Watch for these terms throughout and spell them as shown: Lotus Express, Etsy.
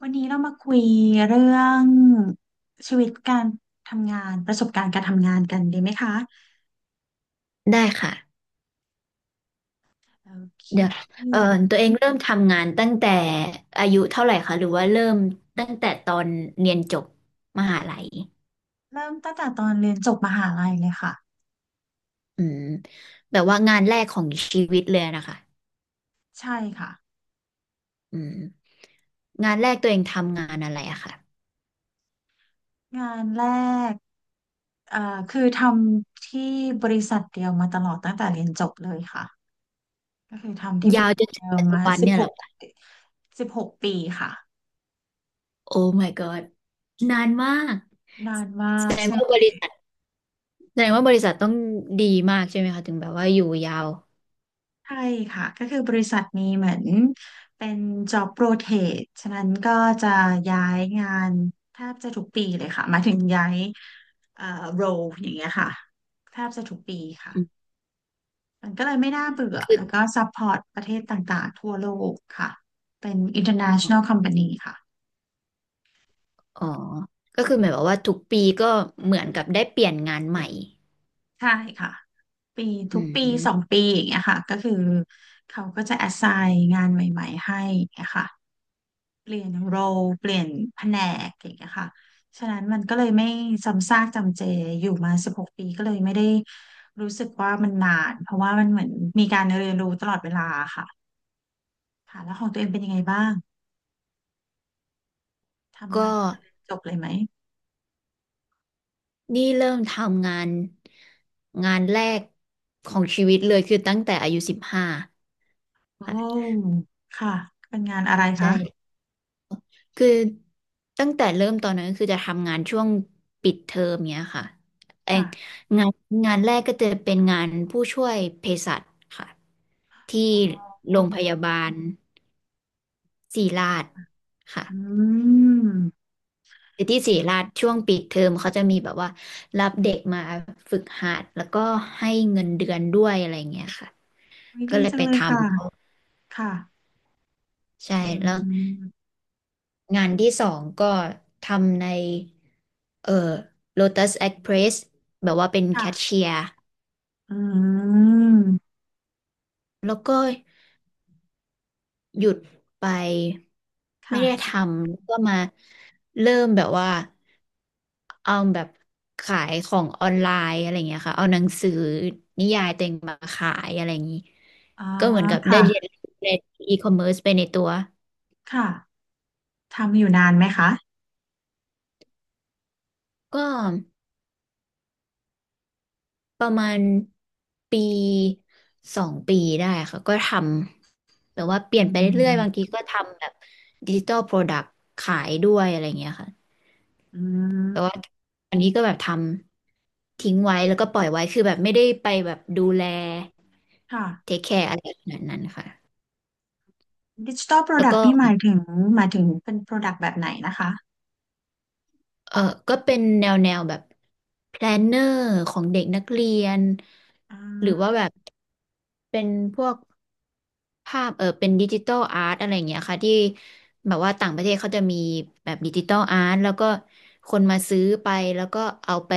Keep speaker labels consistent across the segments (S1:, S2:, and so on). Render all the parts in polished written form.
S1: วันนี้เรามาคุยเรื่องชีวิตการทำงานประสบการณ์การทำงานกันดีไหมคะ
S2: ได้ค่ะ
S1: โอเค
S2: เดี๋ยวเอ่อตัวเองเริ่มทำงานตั้งแต่อายุเท่าไหร่คะหรือว่าเริ่มตั้งแต่ตอนเรียนจบมหาลัย
S1: เริ่มตั้งแต่ตอนเรียนจบมหาลัยเลยค่ะ
S2: อืมแบบว่างานแรกของชีวิตเลยนะคะ
S1: ใช่ค่ะ
S2: อืมงานแรกตัวเองทำงานอะไรอะค่ะ
S1: งานแรกเอ่อคือทำที่บริษัทเดียวมาตลอดตั้งแต่เรียนจบเลยค่ะก็คือทำที่บ
S2: ยาว
S1: ริ
S2: จ
S1: ษั
S2: น
S1: ท
S2: ถึ
S1: เดี
S2: ง
S1: ยว
S2: ปัจจุ
S1: มา
S2: บัน
S1: สิบ
S2: เนี่ย
S1: ห
S2: เหร
S1: ก
S2: อคะ
S1: สิบหกปีค่ะ
S2: โอ้ my god นานมาก
S1: นานมา
S2: แส
S1: ก
S2: ดง
S1: ใช่
S2: ว่าบริษัทแสดงว่าบริษัทต้องดีมากใช่ไหมคะถึงแบบว่าอยู่ยาว
S1: ใช่ค่ะก็คือบริษัทนี้เหมือนเป็น job rotate ฉะนั้นก็จะย้ายงานแทบจะทุกปีเลยค่ะหมายถึงย้ายเอ่อ role อย่างเงี้ยค่ะแทบจะทุกปี
S2: อืม
S1: ค่ะมันก็เลยไม่น่าเบื่อ
S2: คือ
S1: แล้วก็ support ประเทศต่างๆทั่วโลกค่ะเป็น international company ค่ะ
S2: อ๋อก็คือหมายความว่าทุกปีก็เหมือนกับได้เปลี่ยนงานใหม่
S1: ใช่ค่ะปี
S2: อื
S1: ทุกปีส
S2: ม
S1: องปีอย่างเงี้ยค่ะก็คือเขาก็จะ assign งานใหม่ๆให้อย่างเงี้ยค่ะ เปลี่ยนโรลเปลี่ยนแผนกอย่างเงี้ยค่ะฉะนั้นมันก็เลยไม่ซ้ำซากจำเจอยู่มาสิบหกปีก็เลยไม่ได้รู้สึกว่ามันนานเพราะว่ามันเหมือนมีการเรียนรู้ตลอดเวลาค่ะค่ะแล้วของตัวเองเป็นยังไงบ้างทำ
S2: ก็
S1: งานตั้งแต่เรียนจบเลยไหม
S2: นี่เริ่มทำงานแรกของชีวิตเลยคือตั้งแต่อายุ15
S1: โอ
S2: ค่ะ
S1: ้ค่ะเป็นงานอะไรคะ
S2: ใช่คือตั้งแต่เริ่มตอนนั้นก็คือจะทำงานช่วงปิดเทอมเนี้ยค่ะเอง
S1: ค่ะ
S2: งานงานแรกก็จะเป็นงานผู้ช่วยเภสัชค่ะที่
S1: อ๋อ
S2: โรงพยาบาลศิริราชค่ะ
S1: อืม
S2: คือที่ศรีราชช่วงปิดเทอมเขาจะมีแบบว่ารับเด็กมาฝึกหัดแล้วก็ให้เงินเดือนด้วยอะไรเงี้ยค่ะ
S1: ว
S2: ก็
S1: ดี
S2: เลย
S1: จั
S2: ไป
S1: งเล
S2: ท
S1: ยค่ะค่ะ
S2: ำใช่
S1: อื
S2: แล้ว
S1: ม
S2: งานที่สองก็ทำในเอ่อ Lotus Express แบบว่าเป็นแคช
S1: ค่ะ
S2: เชียร์
S1: อืม
S2: แล้วก็ หยุดไปไม่
S1: ค่ะ
S2: ได้ทำแล้วก็มาเริ่มแบบว่าเอาแบบขายของออนไลน์อะไรอย่างเงี้ยค่ะเอาหนังสือนิยายตัวเองมาขายอะไรอย่างงี้
S1: อ๋อ
S2: ก็เหมือนกับได้เรียน
S1: ค่ะ
S2: รู้ในอีคอมเมิร์ซไปในตัว
S1: ค่ะ ทำอยู่นานไหมคะ
S2: ก็ประมาณปี2 ปีได้ค่ะก็ทำแบบว่าเป
S1: อื
S2: ลี่ยนไปเรื่อยๆบางที
S1: ม
S2: ก็ทำแบบดิจิ t a ลโปรดักต์ขายด้วยอะไรอย่างเงี้ยค่ะ
S1: อื
S2: แต่ว่า
S1: ม
S2: อันนี้ก็แบบทำ ทิ้งไว้แล้วก็ปล่อยไว้คือแบบไม่ได้ไปแบบดูแล
S1: ค่ะ
S2: เทคแคร์อะไรขนาดนั้นค่ะ
S1: ดิจิ t a ลโปร
S2: แล้ว
S1: ดัก
S2: ก็
S1: ต์นี่หมายถึงเป็นโปรดักต์แบบไหนนะคะ
S2: เออก็เป็นแนวแบบแพลนเนอร์ของเด็กนักเรียน
S1: อื
S2: หรือว่า
S1: ม
S2: แบบเป็นพวก ภาพเออเป็นดิจิตอลอาร์ตอะไรอย่างเงี้ยค่ะที่แบบว่าต่างประเทศเขาจะมีแบบดิจิตอลอาร์ตแล้วก็คนมาซื้อไปแล้วก็เอาไป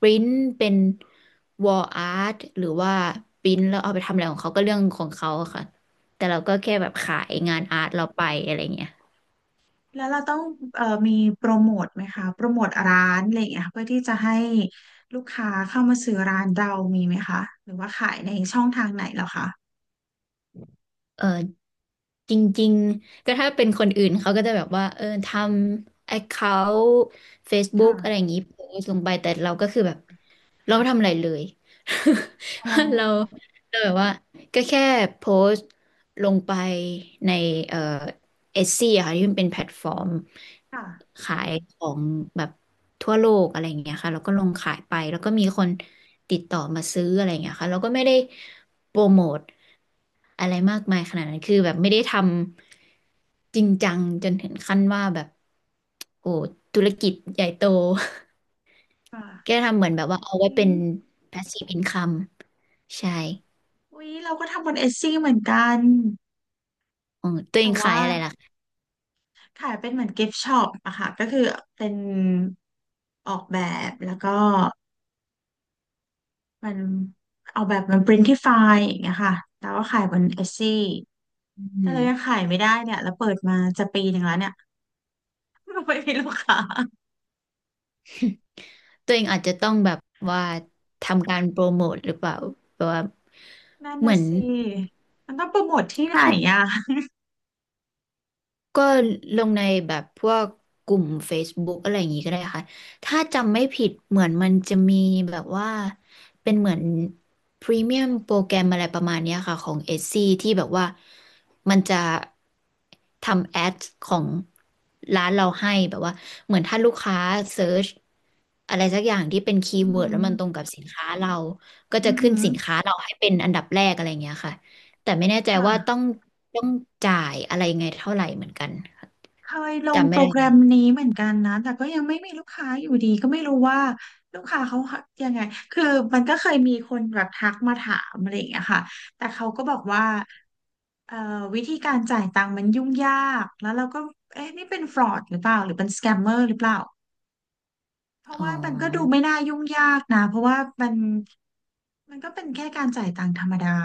S2: ปริ้นเป็นวอลอาร์ตหรือว่าปริ้นแล้วเอาไปทำอะไรของเขาก็เรื่องของเขาอะค่ะแต่เราก็แค่แบบขายงานอาร์ตเราไปอะไรเงี้ย
S1: แล้วเราต้องมีโปรโมทไหมคะโปรโมทร้านอะไรอย่างเงี้ยะเพื่อที่จะให้ลูกค้าเข้ามาซื้อร้านเรามีไหมคะ หรือว่าขายในช่องทางไหนเหรอคะ
S2: เออจริงๆก็ถ้าเป็นคนอื่นเขาก็จะแบบว่าเออทำ account
S1: ค่ะ
S2: Facebook อะไรอย่างงี้โพสต์ลงไปแต่เราก็คือแบบ เราก็ทำอะไรเลย
S1: อ๋
S2: เรา
S1: อ
S2: แบบว่าก็แค่โพสต์ลงไปในเอ่อเอซี่ค่ะที่มันเป็นแพลตฟอร์ม
S1: ค่ะ
S2: ขายของแบบทั่วโลกอะไรอย่างเงี้ยค่ะเราก็ลงขายไปแล้วก็มีคนติดต่อมาซื้ออะไรอย่างเงี้ยค่ะเราก็ไม่ได้โปรโมทอะไรมากมายขนาดนั้นคือแบบไม่ได้ทำจริงจังจนถึงขั้นว่าแบบโอ้ธุรกิจใหญ่โต
S1: ค
S2: แก
S1: ่ะ
S2: ทำเหมือนแบบว่าเอาไว้
S1: อื
S2: เป็น
S1: ม
S2: passive income ใช่
S1: อุ๊ยเราก็ทำบนเอซี่เหมือนกัน
S2: อ๋อตัวเอ
S1: แต่
S2: งขา
S1: ว่า
S2: ยอะไรล่ะคะ
S1: ค่ะเป็นเหมือนกิฟต์ช็อปอะค่ะก็คือเป็นออกแบบแล้วก็มันออกแบบมันปรินที่ไฟล์อย่างเงี้ยค่ะแต่ว่าขายบนเอซี่
S2: อื
S1: แต่
S2: ม
S1: เรายังขายไม่ได้เนี่ยแล้วเปิดมาจะปีหนึ่งแล้วเนี่ย ไม่มีลูกค้า
S2: ตัวเองอาจจะต้องแบบว่าทำการโปรโมทหรือเปล่า แบบว่า
S1: นั่น
S2: เห
S1: นะ
S2: มือน
S1: สิมันต้องโปรโมทที่ไหนอะ
S2: ก็ลงในแบบพวกกลุ่ม Facebook อะไรอย่างงี้ก็ได้ค่ะ ถ้าจำไม่ผิดเหมือนมันจะมีแบบว่าเป็นเหมือนพรีเมียมโปรแกรมอะไรประมาณเนี้ยค่ะของ Etsy ที่แบบว่ามันจะทำแอดของร้านเราให้แบบว่าเหมือนถ้าลูกค้าเซิร์ชอะไรสักอย่างที่เป็นคี
S1: อื
S2: ย์
S1: อ
S2: เวิร์
S1: หื
S2: ดแล้
S1: อ
S2: วมันตรงกับสินค้าเราก็จะ
S1: อือ
S2: ขึ้
S1: หื
S2: น
S1: อ
S2: สินค้าเราให้เป็นอันดับแรกอะไรอย่างเงี้ยค่ะ แต่ไม่แน่ใจว่า
S1: ค่ะ
S2: ต้องต้องจ่ายอะไรยังไงเท่าไหร่เหมือนกันค่ะ
S1: เคยลง
S2: จำไม่
S1: โปร
S2: ได้
S1: แกร
S2: แล้
S1: ม
S2: ว
S1: นี้เหมือนกันนะ แต่ก็ยังไม่มีลูกค้าอยู่ดีก็ไม่รู้ว่าลูกค้าเขายังไง คือมันก็เคยมีคนแบบทักมาถามอะไรอย่างเงี้ยค่ะแต่เขาก็บอกว่าเอ่อวิธีการจ่ายตังค์มันยุ่งยากแล้วเราก็เอ๊ะนี่เป็นฟรอดหรือเปล่าหรือเป็นสแกมเมอร์หรือเปล่า เพราะ
S2: อ๋
S1: ว่ามันก็ดู
S2: อ
S1: ไม่น่ายุ่งยากนะเพราะว่ามันก็เป็นแค่การจ่ายตังค์ธรรมดา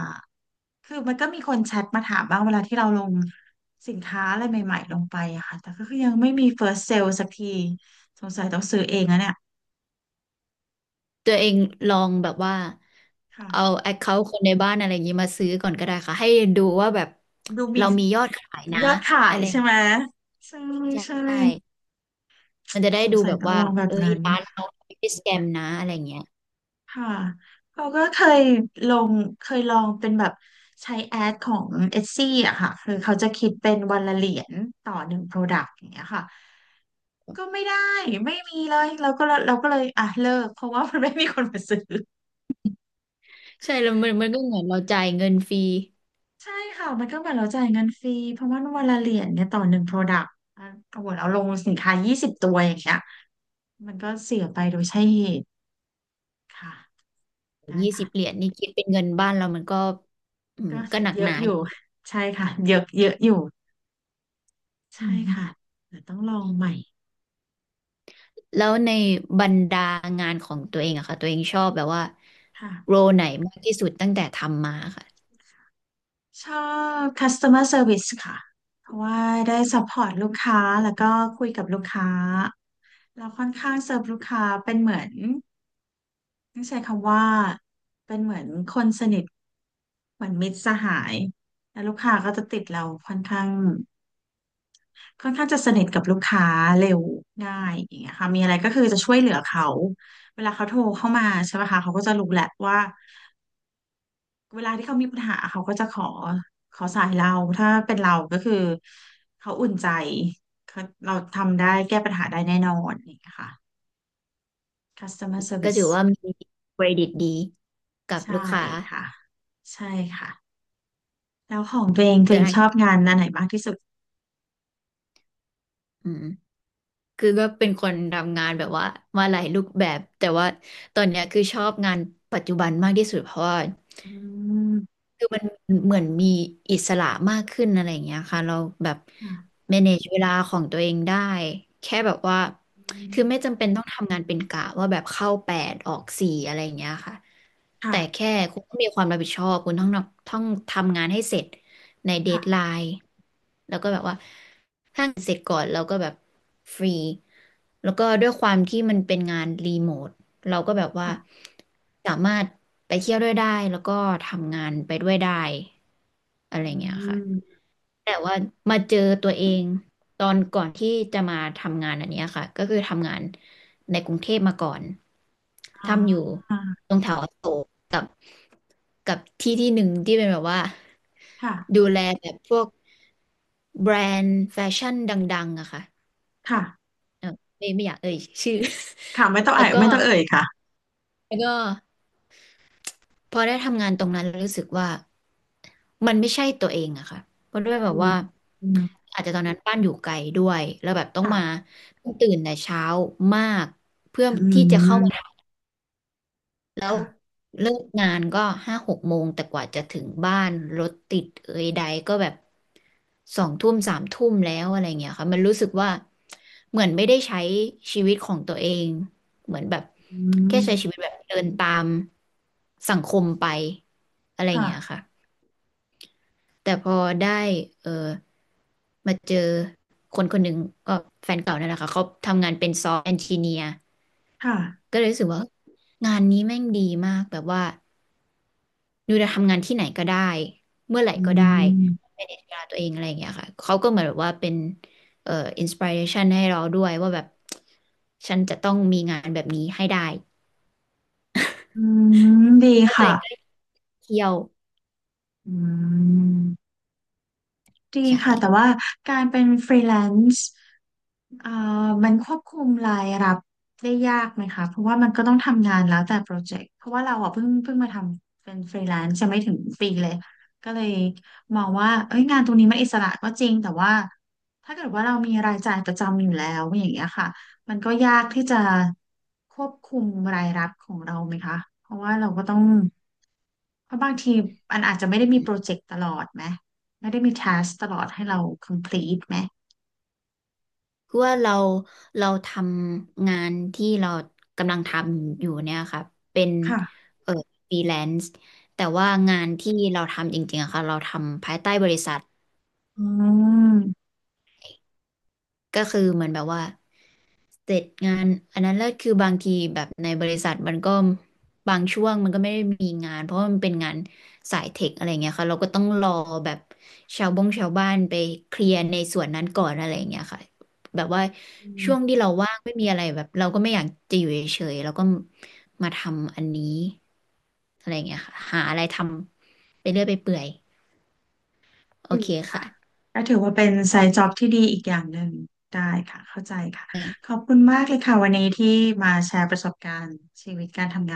S1: คือมันก็มีคนแชทมาถามบ้างเวลาที่เราลงสินค้าอะไรใหม่ๆลงไปอะค่ะแต่ก็คือยังไม่มี first sale สักทีสงสัยต้องซื้อเองนะเนี่ย
S2: ตัวเองลองแบบว่าเอา
S1: ค่ะ
S2: แอคเคาท์คนในบ้านอะไรอย่างนี้มาซื้อก่อนก็ได้ค่ะให้ดูว่าแบบ
S1: ดูมี
S2: เรามียอดขายนะ
S1: ยอดขา
S2: อะ
S1: ย
S2: ไรอย่า
S1: ใช่
S2: งเงี้ย
S1: ไหมใช่
S2: ใช่
S1: ใช่
S2: ใช่มันจะได้
S1: สง
S2: ดู
S1: สั
S2: แบ
S1: ย
S2: บ
S1: ต้อง
S2: ว่า
S1: ลองแบบ
S2: เอ้ย
S1: นั้น
S2: ร้านเราไม่ได้สแกมนะอะไรอย่างเงี้ย
S1: ค่ะเขาก็เคยลงลองเป็นแบบใช้แอดของเอซี่อะค่ะคือเขาจะคิดเป็นวันละเหรียญต่อหนึ่งโปรดักต์อย่างเงี้ยค่ะก็ไม่ได้ไม่มีเลยเราก็เลยอ่ะเลิกเพราะว่ามันไม่มีคนมาซื้อ
S2: ใช่แล้วมันก็เหมือนเราจ่ายเงินฟรี
S1: ใช่ค่ะมันก็เหมือนเราจ่ายเงินฟรีเพราะว่าวันละเหรียญเนี่ยต่อหนึ่งโปรดักต์อ่ะโอ้โหเราลงสินค้า20 ตัวอย่างเงี้ยมันก็เสียไปโดยใช่เหตุค่ะได้
S2: ยี่สิบเหรีย
S1: ค่ะ
S2: ญนี่คิดเป็นเงินบ้านเรามันก็อืม
S1: ก็
S2: ก็หนัก
S1: เย
S2: ห
S1: อะ
S2: นา
S1: อยู่
S2: อยู่
S1: ใช่ค่ะเยอะเยอะอยู่
S2: อื
S1: ใช่ค่ะ
S2: ม
S1: เดี๋ยวต้องลองใหม่
S2: แล้วในบรรดางานของตัวเองอะค่ะตัวเองชอบแบบว่าโร
S1: ค่ะ
S2: ไหนมากที่สุดตั้งแต่ทำมาค่ะ
S1: ชอบ customer service ค่ะเพราะว่าได้ support ลูกค้าแล้วก็คุยกับลูกค้าเราค่อนข้างเซิร์ฟลูกค้าเป็นเหมือนต้องใช้คำว่าเป็นเหมือนคนสนิทเหมือนมิตรสหายแล้วลูกค้าก็จะติดเราค่อนข้างค่อนข้างจะสนิทกับลูกค้าเร็วง่ายอย่างเงี้ยค่ะมีอะไรก็คือจะช่วยเหลือเขาเวลาเขาโทรเข้ามาใช่ไหมคะเขาก็จะรู้แหละว่า เวลาที่เขามีปัญหาเขาก็จะขอสายเราถ้าเป็นเราก็คือเขาอุ่นใจเขาเราทำได้แก้ปัญหาได้แน่นอนนี่ค่ะ customer
S2: ก็ถือ
S1: service
S2: ว่ามีเครดิตดีกับ
S1: ใช่
S2: ลูกค้า
S1: ค่ะใช่ค่ะแล้วของตัวเองตัว
S2: แต่
S1: เอง
S2: ทาง
S1: ชอบงานอันไหนมากที่สุด
S2: อืมคือก็เป็นคนทำงานแบบว่ามาหลายรูปแบบแต่ว่าตอนเนี้ยคือชอบงานปัจจุบันมากที่สุดเพราะว่า
S1: อืม
S2: คือมันเหมือนมีอิสระมากขึ้นอะไรอย่างเงี้ยค่ะเราแบบ
S1: ค่ะ
S2: manage เวลาของตัวเองได้แค่แบบว่า
S1: อืม
S2: คือไม่จำเป็นต้องทำงานเป็นกะว่าแบบเข้า8ออก4อะไรอย่างเงี้ยค่ะ
S1: ค่ะ
S2: แต่แค่คุณต้องมีความรับผิดชอบคุณต้องทำงานให้เสร็จในเด
S1: ค่ะ
S2: ดไลน์แล้วก็แบบว่าถ้างเสร็จก่อนเราก็แบบฟรีแล้วก็ด้วยความที่มันเป็นงานรีโมท เราก็แบบว่า
S1: ค่ะ
S2: สามารถไปเที่ยวด้วยได้แล้วก็ทำงานไปด้วยได้อะ
S1: อื
S2: ไรเงี้ยค่ะ
S1: ม
S2: แต่ว่ามาเจอตัวเองตอนก่อนที่จะมาทำงานอันเนี้ยค่ะก็คือทำงานในกรุงเทพมาก่อน
S1: อ๋อ
S2: ทำอยู่ตรงแถวอโศกกับกับที่ที่หนึ่งที่เป็นแบบว่า
S1: ค่ะ
S2: ดูแลแบบพวกแบรนด์แฟชั่นดังๆอะค่ะ
S1: ค่ะ
S2: เออไม่อยากเอ่ยชื่อ
S1: ค่ะไม่ต้ อง
S2: แล้
S1: เอ่
S2: ว
S1: ย
S2: ก็
S1: ไม่ต้องเอ่ยค่ะ
S2: แล้วก็ พอได้ทำงานตรงนั้นรู้สึกว่ามันไม่ใช่ตัวเองอะค่ะเพราะด้วยแบ
S1: อื
S2: บ
S1: ม
S2: ว่า
S1: อืม
S2: อาจจะตอนนั้นบ้านอยู่ไกลด้วยแล้วแบบต้อง
S1: ค่ะ
S2: มาต้องตื่นแต่เช้ามากเพื่อ
S1: อื
S2: ที่จะเข้า
S1: ม
S2: มา แล้ว
S1: ค่ะ
S2: เลิกงานก็5-6 โมงแต่กว่าจะถึงบ้านรถติดเอยใดก็แบบ2-3 ทุ่มแล้วอะไรเงี้ยค่ะมันรู้สึกว่าเหมือนไม่ได้ใช้ชีวิตของตัวเองเหมือนแบบ
S1: อื
S2: แค่
S1: ม
S2: ใช้ชีวิตแบบเดินตามสังคมไปอะไร
S1: ค่ะ
S2: เงี้ยค่ะแต่พอได้เออมาเจอคนคนหนึ่งก็แฟนเก่านั่นแหละค่ะเขาทำงานเป็นซอฟต์แอนจิเนียร์
S1: ค่ะ
S2: ก็เลยรู้สึกว่างานนี้แม่งดีมากแบบว่า นิวจะทำงานที่ไหนก็ได้ เมื่อไหร่
S1: อื
S2: ก็ได้
S1: ม
S2: manage เวลาตัวเองอะไรอย่างเงี้ยค่ะเขาก็เหมือนแบบว่าเป็นเอ่ออินสปิเรชันให้เราด้วยว่าแบบฉันจะต้องมีงานแบบนี้ให้ได้
S1: อืมดี
S2: ว่าะตัว
S1: ค่ะ
S2: เองก็เที่ยว
S1: อืมดี
S2: ใช่
S1: ค่ะแต่ว่าการเป็นฟรีแลนซ์ เอ่อมันควบคุมรายรับได้ยากไหมคะเพราะว่ามันก็ต้องทำงานแล้วแต่โปรเจกต์เพราะว่าเราอ่ะเพิ่งมาทำเป็นฟรีแลนซ์จะไม่ถึงปีเลยก็เลยมองว่าเอ้ยงานตรงนี้มันอิสระก็จริงแต่ว่าถ้าเกิดว่าเรามีรายจ่ายประจำอยู่แล้วอย่างเงี้ยค่ะมันก็ยากที่จะควบคุมรายรับของเราไหมคะเพราะว่าเราก็ต้องเพราะบางทีมันอาจจะไม่ได้มีโปรเจกต์ตลอดไหมไม่ได้มี task ตลอดให้เรา complete ไหม
S2: คือว่าเราเราทำงานที่เรากำลังทำอยู่เนี่ยค่ะเป็น
S1: ค่ะ
S2: เอ่อฟรีแลนซ์แต่ว่างานที่เราทำจริงๆอะค่ะเราทำภายใต้บริษัท
S1: อืม
S2: ก็คือเหมือนแบบว่าเสร็จงานอันนั้นแล้วคือบางทีแบบในบริษัทมันก็บางช่วงมันก็ไม่ได้มีงานเพราะว่ามันเป็นงานสายเทคอะไรเงี้ยค่ะเราก็ต้องรอแบบชาวบ้านไปเคลียร์ในส่วนนั้นก่อนอะไรเงี้ยค่ะแบบว่า
S1: อื
S2: ช่ว
S1: ม
S2: งที่เราว่างไม่มีอะไรแบบเราก็ไม่อยากจะอยู่เฉยๆเราก็มาทำอันนี้อะไรเงี้ยค่ะหาอะไรทำไปเรื่อยไปเปื่อยโอ
S1: อืม
S2: เคค่ะ
S1: ก็ถือว่าเป็นไซด์จ็อบที่ดีอีกอย่างหนึ่งได้ค่ะเข้าใจค่ะขอบคุณมากเลยค่ะวันนี้ที่มาแชร์ประสบการณ์ชีวิตการทำงาน